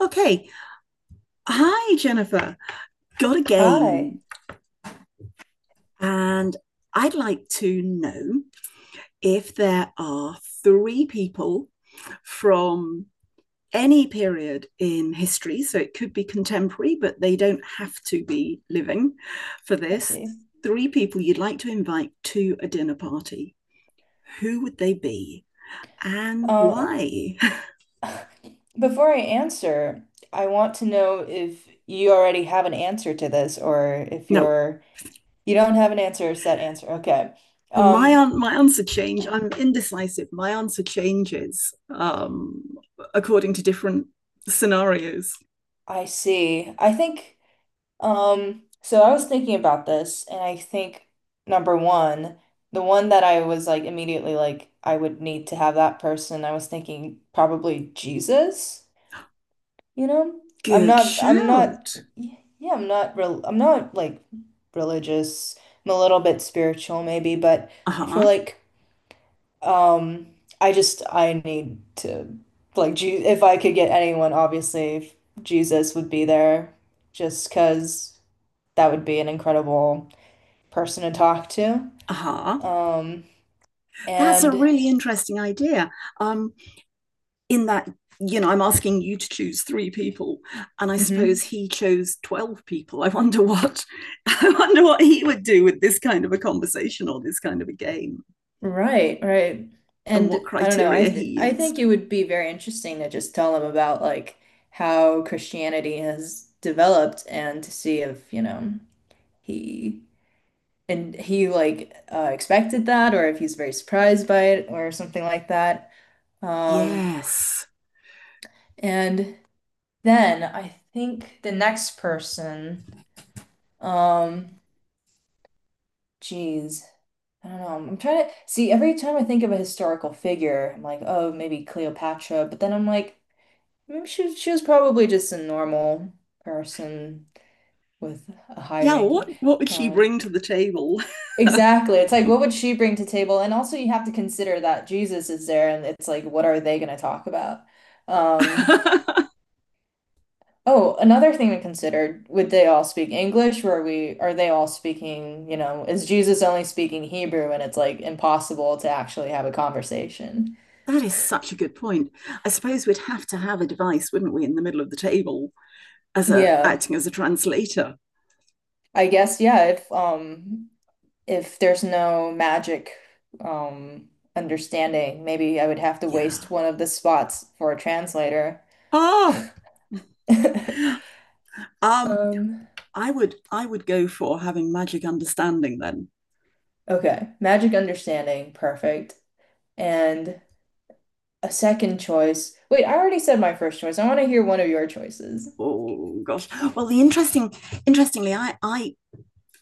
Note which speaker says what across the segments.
Speaker 1: Okay. Hi, Jennifer. Got a
Speaker 2: Hi,
Speaker 1: game. And I'd like to know if there are three people from any period in history, so it could be contemporary, but they don't have to be living for
Speaker 2: I
Speaker 1: this.
Speaker 2: see.
Speaker 1: Three people you'd like to invite to a dinner party. Who would they be and
Speaker 2: Uh,
Speaker 1: why?
Speaker 2: before I answer, I want to know if you already have an answer to this or if
Speaker 1: no,
Speaker 2: you don't have an answer, set answer. Okay.
Speaker 1: Now, my
Speaker 2: Um,
Speaker 1: my answer change. I'm indecisive. My answer changes according to different scenarios.
Speaker 2: I see. I think so I was thinking about this and I think number one, the one that I was like immediately like I would need to have that person, I was thinking probably Jesus. You know,
Speaker 1: Good
Speaker 2: I'm not,
Speaker 1: shout.
Speaker 2: yeah, I'm not like religious. I'm a little bit spiritual maybe, but
Speaker 1: Uh
Speaker 2: I feel
Speaker 1: huh.
Speaker 2: like um I need to like Je if I could get anyone, obviously Jesus would be there just 'cause that would be an incredible person to talk to.
Speaker 1: Uh huh.
Speaker 2: Um
Speaker 1: That's a
Speaker 2: and
Speaker 1: really interesting idea. Um, in that I'm asking you to choose three people, and I suppose
Speaker 2: Mhm.
Speaker 1: he chose 12 people. I wonder what I wonder what he would do with this kind of a conversation or this kind of a game,
Speaker 2: Right, right.
Speaker 1: and
Speaker 2: And
Speaker 1: what
Speaker 2: I don't know,
Speaker 1: criteria he
Speaker 2: I think
Speaker 1: used.
Speaker 2: it would be very interesting to just tell them about like how Christianity has developed and to see if, you know, he he like expected that or if he's very surprised by it or something like that. Um,
Speaker 1: Yes.
Speaker 2: and then I think the next person, um, geez. I don't know. I'm trying to see every time I think of a historical figure, I'm like, oh, maybe Cleopatra, but then I'm like, I mean, she was probably just a normal person with a high
Speaker 1: Yeah, what
Speaker 2: ranking
Speaker 1: what would she
Speaker 2: power.
Speaker 1: bring to the table?
Speaker 2: Exactly. It's like, what would she bring to table? And also, you have to consider that Jesus is there, and it's like, what are they going to talk about? Um,
Speaker 1: That
Speaker 2: oh, another thing to consider, would they all speak English? Or are they all speaking, you know, is Jesus only speaking Hebrew and it's like impossible to actually have a conversation?
Speaker 1: is such a good point. I suppose we'd have to have a device, wouldn't we, in the middle of the table as a
Speaker 2: Yeah.
Speaker 1: acting as a translator.
Speaker 2: I guess, yeah, if there's no magic um understanding, maybe I would have to
Speaker 1: Yeah.
Speaker 2: waste one of the spots for a translator.
Speaker 1: Oh, um,
Speaker 2: Um,
Speaker 1: I would go for having magic understanding then.
Speaker 2: okay. Magic understanding, perfect. And a second choice. Wait, I already said my first choice. I want to hear one of your choices.
Speaker 1: Oh gosh. Well, I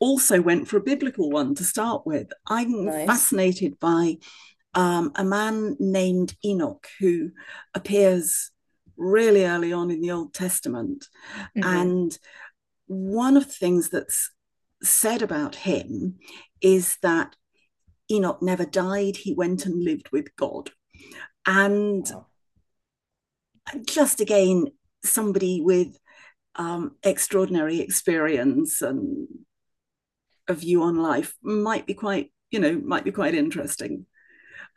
Speaker 1: also went for a biblical one to start with. I'm
Speaker 2: Nice.
Speaker 1: fascinated by a man named Enoch who appears really early on in the Old Testament.
Speaker 2: Mm-hmm.
Speaker 1: And one of the things that's said about him is that Enoch never died, he went and lived with God. And
Speaker 2: Wow.
Speaker 1: just again, somebody with extraordinary experience and a view on life might be quite, you know, might be quite interesting.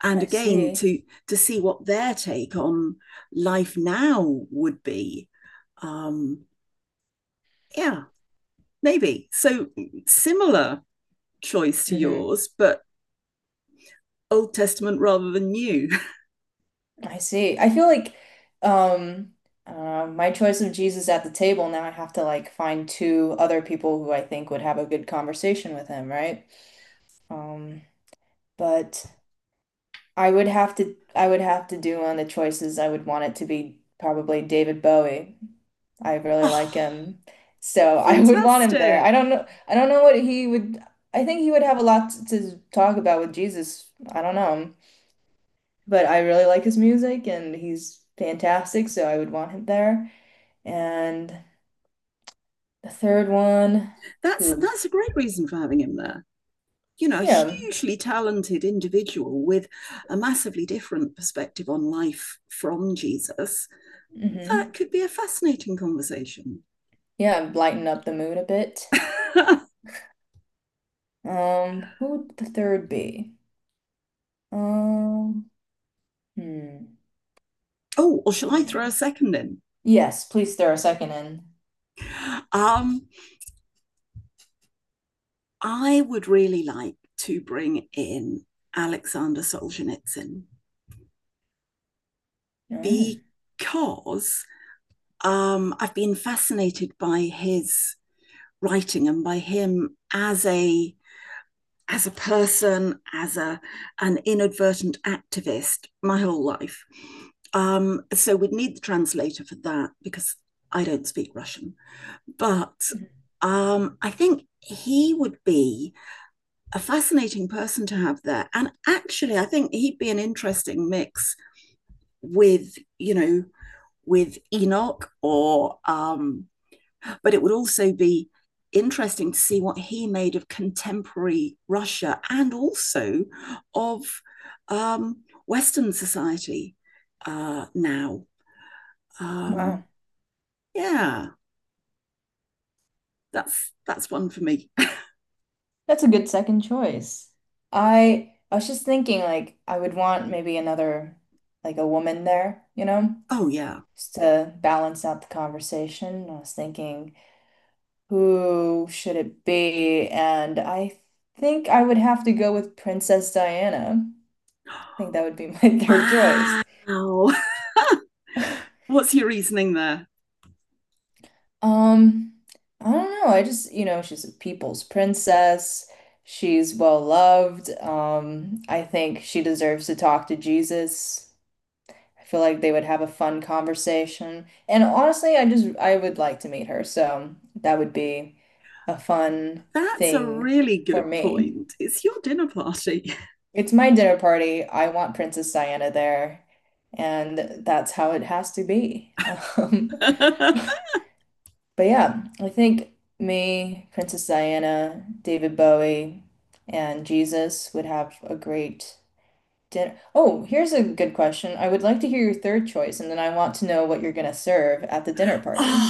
Speaker 1: And
Speaker 2: I
Speaker 1: again
Speaker 2: see.
Speaker 1: to see what their take on life now would be, um yeah, maybe so similar choice to
Speaker 2: Mm-hmm.
Speaker 1: yours, but Old Testament rather than new.
Speaker 2: I see. I feel like um I my choice of Jesus at the table now I have to like find two other people who I think would have a good conversation with him, right? Um, but I would have to do on the choices. I would want it to be probably David Bowie. I really like
Speaker 1: Oh,
Speaker 2: him. So I would want him there.
Speaker 1: fantastic.
Speaker 2: I don't know what he would I think he would have a lot to talk about with Jesus. I don't know but I really like his music and he's fantastic, so I would want him there. And the third one,
Speaker 1: That's
Speaker 2: oof,
Speaker 1: a great reason for having him there. You know, a
Speaker 2: yeah,
Speaker 1: hugely talented individual with a massively different perspective on life from Jesus. That
Speaker 2: hmm
Speaker 1: could be a fascinating conversation.
Speaker 2: yeah, lighten up the mood a bit.
Speaker 1: Oh,
Speaker 2: Who would the third be? Um, hmm,
Speaker 1: or shall I
Speaker 2: yeah.
Speaker 1: throw a second in?
Speaker 2: Yes, please throw a second in.
Speaker 1: Um, I would really like to bring in Alexander Solzhenitsyn
Speaker 2: Mm,
Speaker 1: because I've been fascinated by his writing and by him as a person, as a an inadvertent activist, my whole life. So we'd need the translator for that because I don't speak Russian. But
Speaker 2: mhm.
Speaker 1: I think he would be a fascinating person to have there. And actually, I think he'd be an interesting mix with, you know, with Enoch or, but it would also be interesting to see what he made of contemporary Russia and also of, um, Western society now. Um,
Speaker 2: Wow,
Speaker 1: yeah, that's one for me.
Speaker 2: that's a good second choice. I was just thinking like I would want maybe another like a woman there, you know?
Speaker 1: Oh yeah.
Speaker 2: Just to balance out the conversation. I was thinking, who should it be? And I think I would have to go with Princess Diana. I think that would be my third choice.
Speaker 1: Wow. What's your reasoning there?
Speaker 2: Um, I don't know. I just, you know, she's a people's princess. She's well loved. I think she deserves to talk to Jesus. I feel like they would have a fun conversation. And honestly, I would like to meet her, so that would be a fun
Speaker 1: That's a
Speaker 2: thing
Speaker 1: really
Speaker 2: for
Speaker 1: good
Speaker 2: me.
Speaker 1: point. It's your dinner party.
Speaker 2: It's my dinner party. I want Princess Diana there, and that's how it has to be.
Speaker 1: Oh,
Speaker 2: But yeah, I think me, Princess Diana, David Bowie, and Jesus would have a great dinner. Oh, here's a good question. I would like to hear your third choice, and then I want to know what you're going to serve at the dinner party.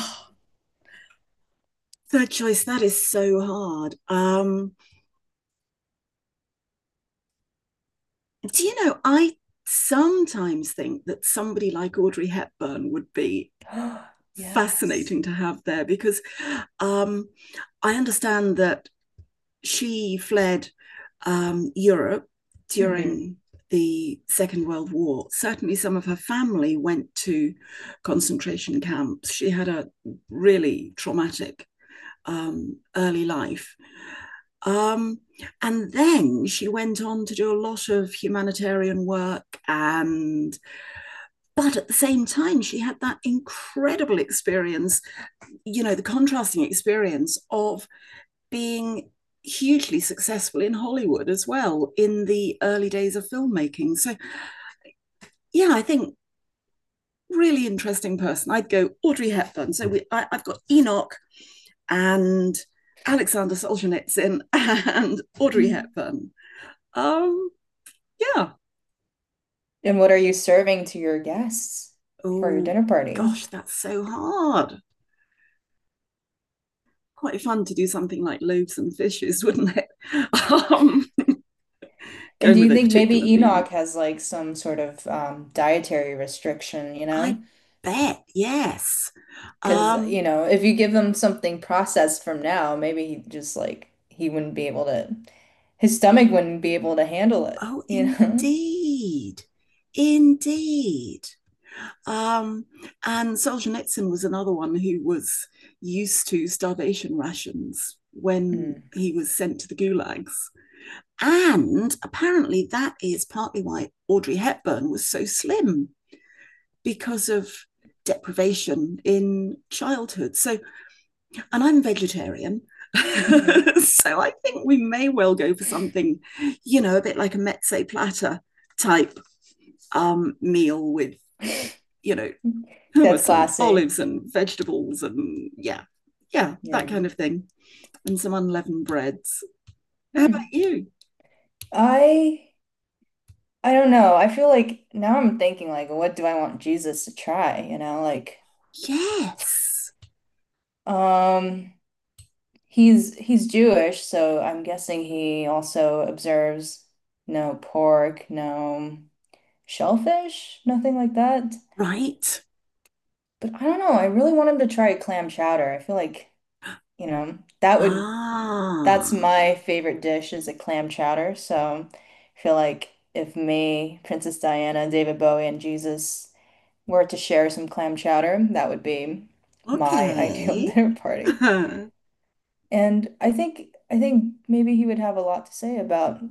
Speaker 1: third choice. That is so hard. Do you know, I sometimes think that somebody like Audrey Hepburn would be
Speaker 2: Yes.
Speaker 1: fascinating to have there because, um, I understand that she fled, Europe
Speaker 2: Mm-hmm.
Speaker 1: during the Second World War. Certainly, some of her family went to concentration camps. She had a really traumatic, early life. Um, and then she went on to do a lot of humanitarian work. And, but at the same time, she had that incredible experience, you know, the contrasting experience of being hugely successful in Hollywood as well in the early days of filmmaking. So, yeah, I think really interesting person. I'd go Audrey Hepburn. So we, I, have got Enoch and Alexander Solzhenitsyn and Audrey Hepburn. Um, yeah.
Speaker 2: And what are you serving to your guests for your
Speaker 1: Oh
Speaker 2: dinner party?
Speaker 1: gosh, that's so hard. Quite fun to do something like loaves and fishes, wouldn't it? Um,
Speaker 2: And
Speaker 1: Going
Speaker 2: do you
Speaker 1: with a
Speaker 2: think maybe
Speaker 1: particular theme.
Speaker 2: Enoch has like some sort of dietary restriction, you know?
Speaker 1: I bet yes.
Speaker 2: Because,
Speaker 1: Um,
Speaker 2: you know, if you give him something processed from now, maybe he just like he wouldn't be able to, his stomach wouldn't be able to handle it,
Speaker 1: Oh,
Speaker 2: you know?
Speaker 1: indeed. Indeed. Um, and Solzhenitsyn was another one who was used to starvation rations when
Speaker 2: Mm.
Speaker 1: he was sent to the gulags. And apparently, that is partly why Audrey Hepburn was so slim because of deprivation in childhood. So, and I'm vegetarian.
Speaker 2: Hmm.
Speaker 1: So I think we may well go for something, you know, a bit like a mezze platter type, meal with, you know,
Speaker 2: That's
Speaker 1: hummus and
Speaker 2: classy.
Speaker 1: olives and vegetables and yeah, yeah, that
Speaker 2: Yeah.
Speaker 1: kind of thing. And some unleavened breads. How about
Speaker 2: Hmm.
Speaker 1: you?
Speaker 2: I I don't know. I feel like now I'm thinking like what do I want Jesus to try, you know? Like
Speaker 1: Yes.
Speaker 2: um he's Jewish, so I'm guessing he also observes no pork, no shellfish, nothing like that.
Speaker 1: Right.
Speaker 2: But I don't know. I really want him to try clam chowder. I feel like, you know, that would, that's
Speaker 1: Ah,
Speaker 2: my favorite dish is a clam chowder. So I feel like if me, Princess Diana, David Bowie, and Jesus were to share some clam chowder, that would be my ideal
Speaker 1: okay.
Speaker 2: dinner party. And I think maybe he would have a lot to say about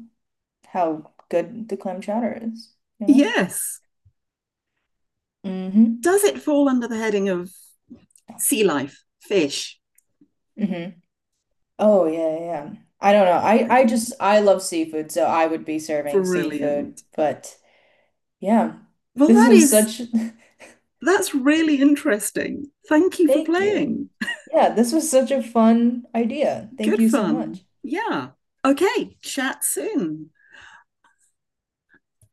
Speaker 2: how good the clam chowder is, you know?
Speaker 1: Yes.
Speaker 2: Mm-hmm.
Speaker 1: Does it fall under the heading of sea life, fish?
Speaker 2: Mm-hmm. Oh yeah, yeah, yeah. I don't know. I
Speaker 1: I
Speaker 2: I
Speaker 1: don't know.
Speaker 2: just I love seafood, so I would be serving seafood.
Speaker 1: Brilliant.
Speaker 2: But yeah,
Speaker 1: Well,
Speaker 2: this
Speaker 1: that
Speaker 2: was
Speaker 1: is,
Speaker 2: such
Speaker 1: that's really interesting. Thank you for
Speaker 2: thank you.
Speaker 1: playing.
Speaker 2: Yeah, this was such a fun idea. Thank
Speaker 1: Good
Speaker 2: you so
Speaker 1: fun.
Speaker 2: much.
Speaker 1: Yeah. Okay. Chat soon.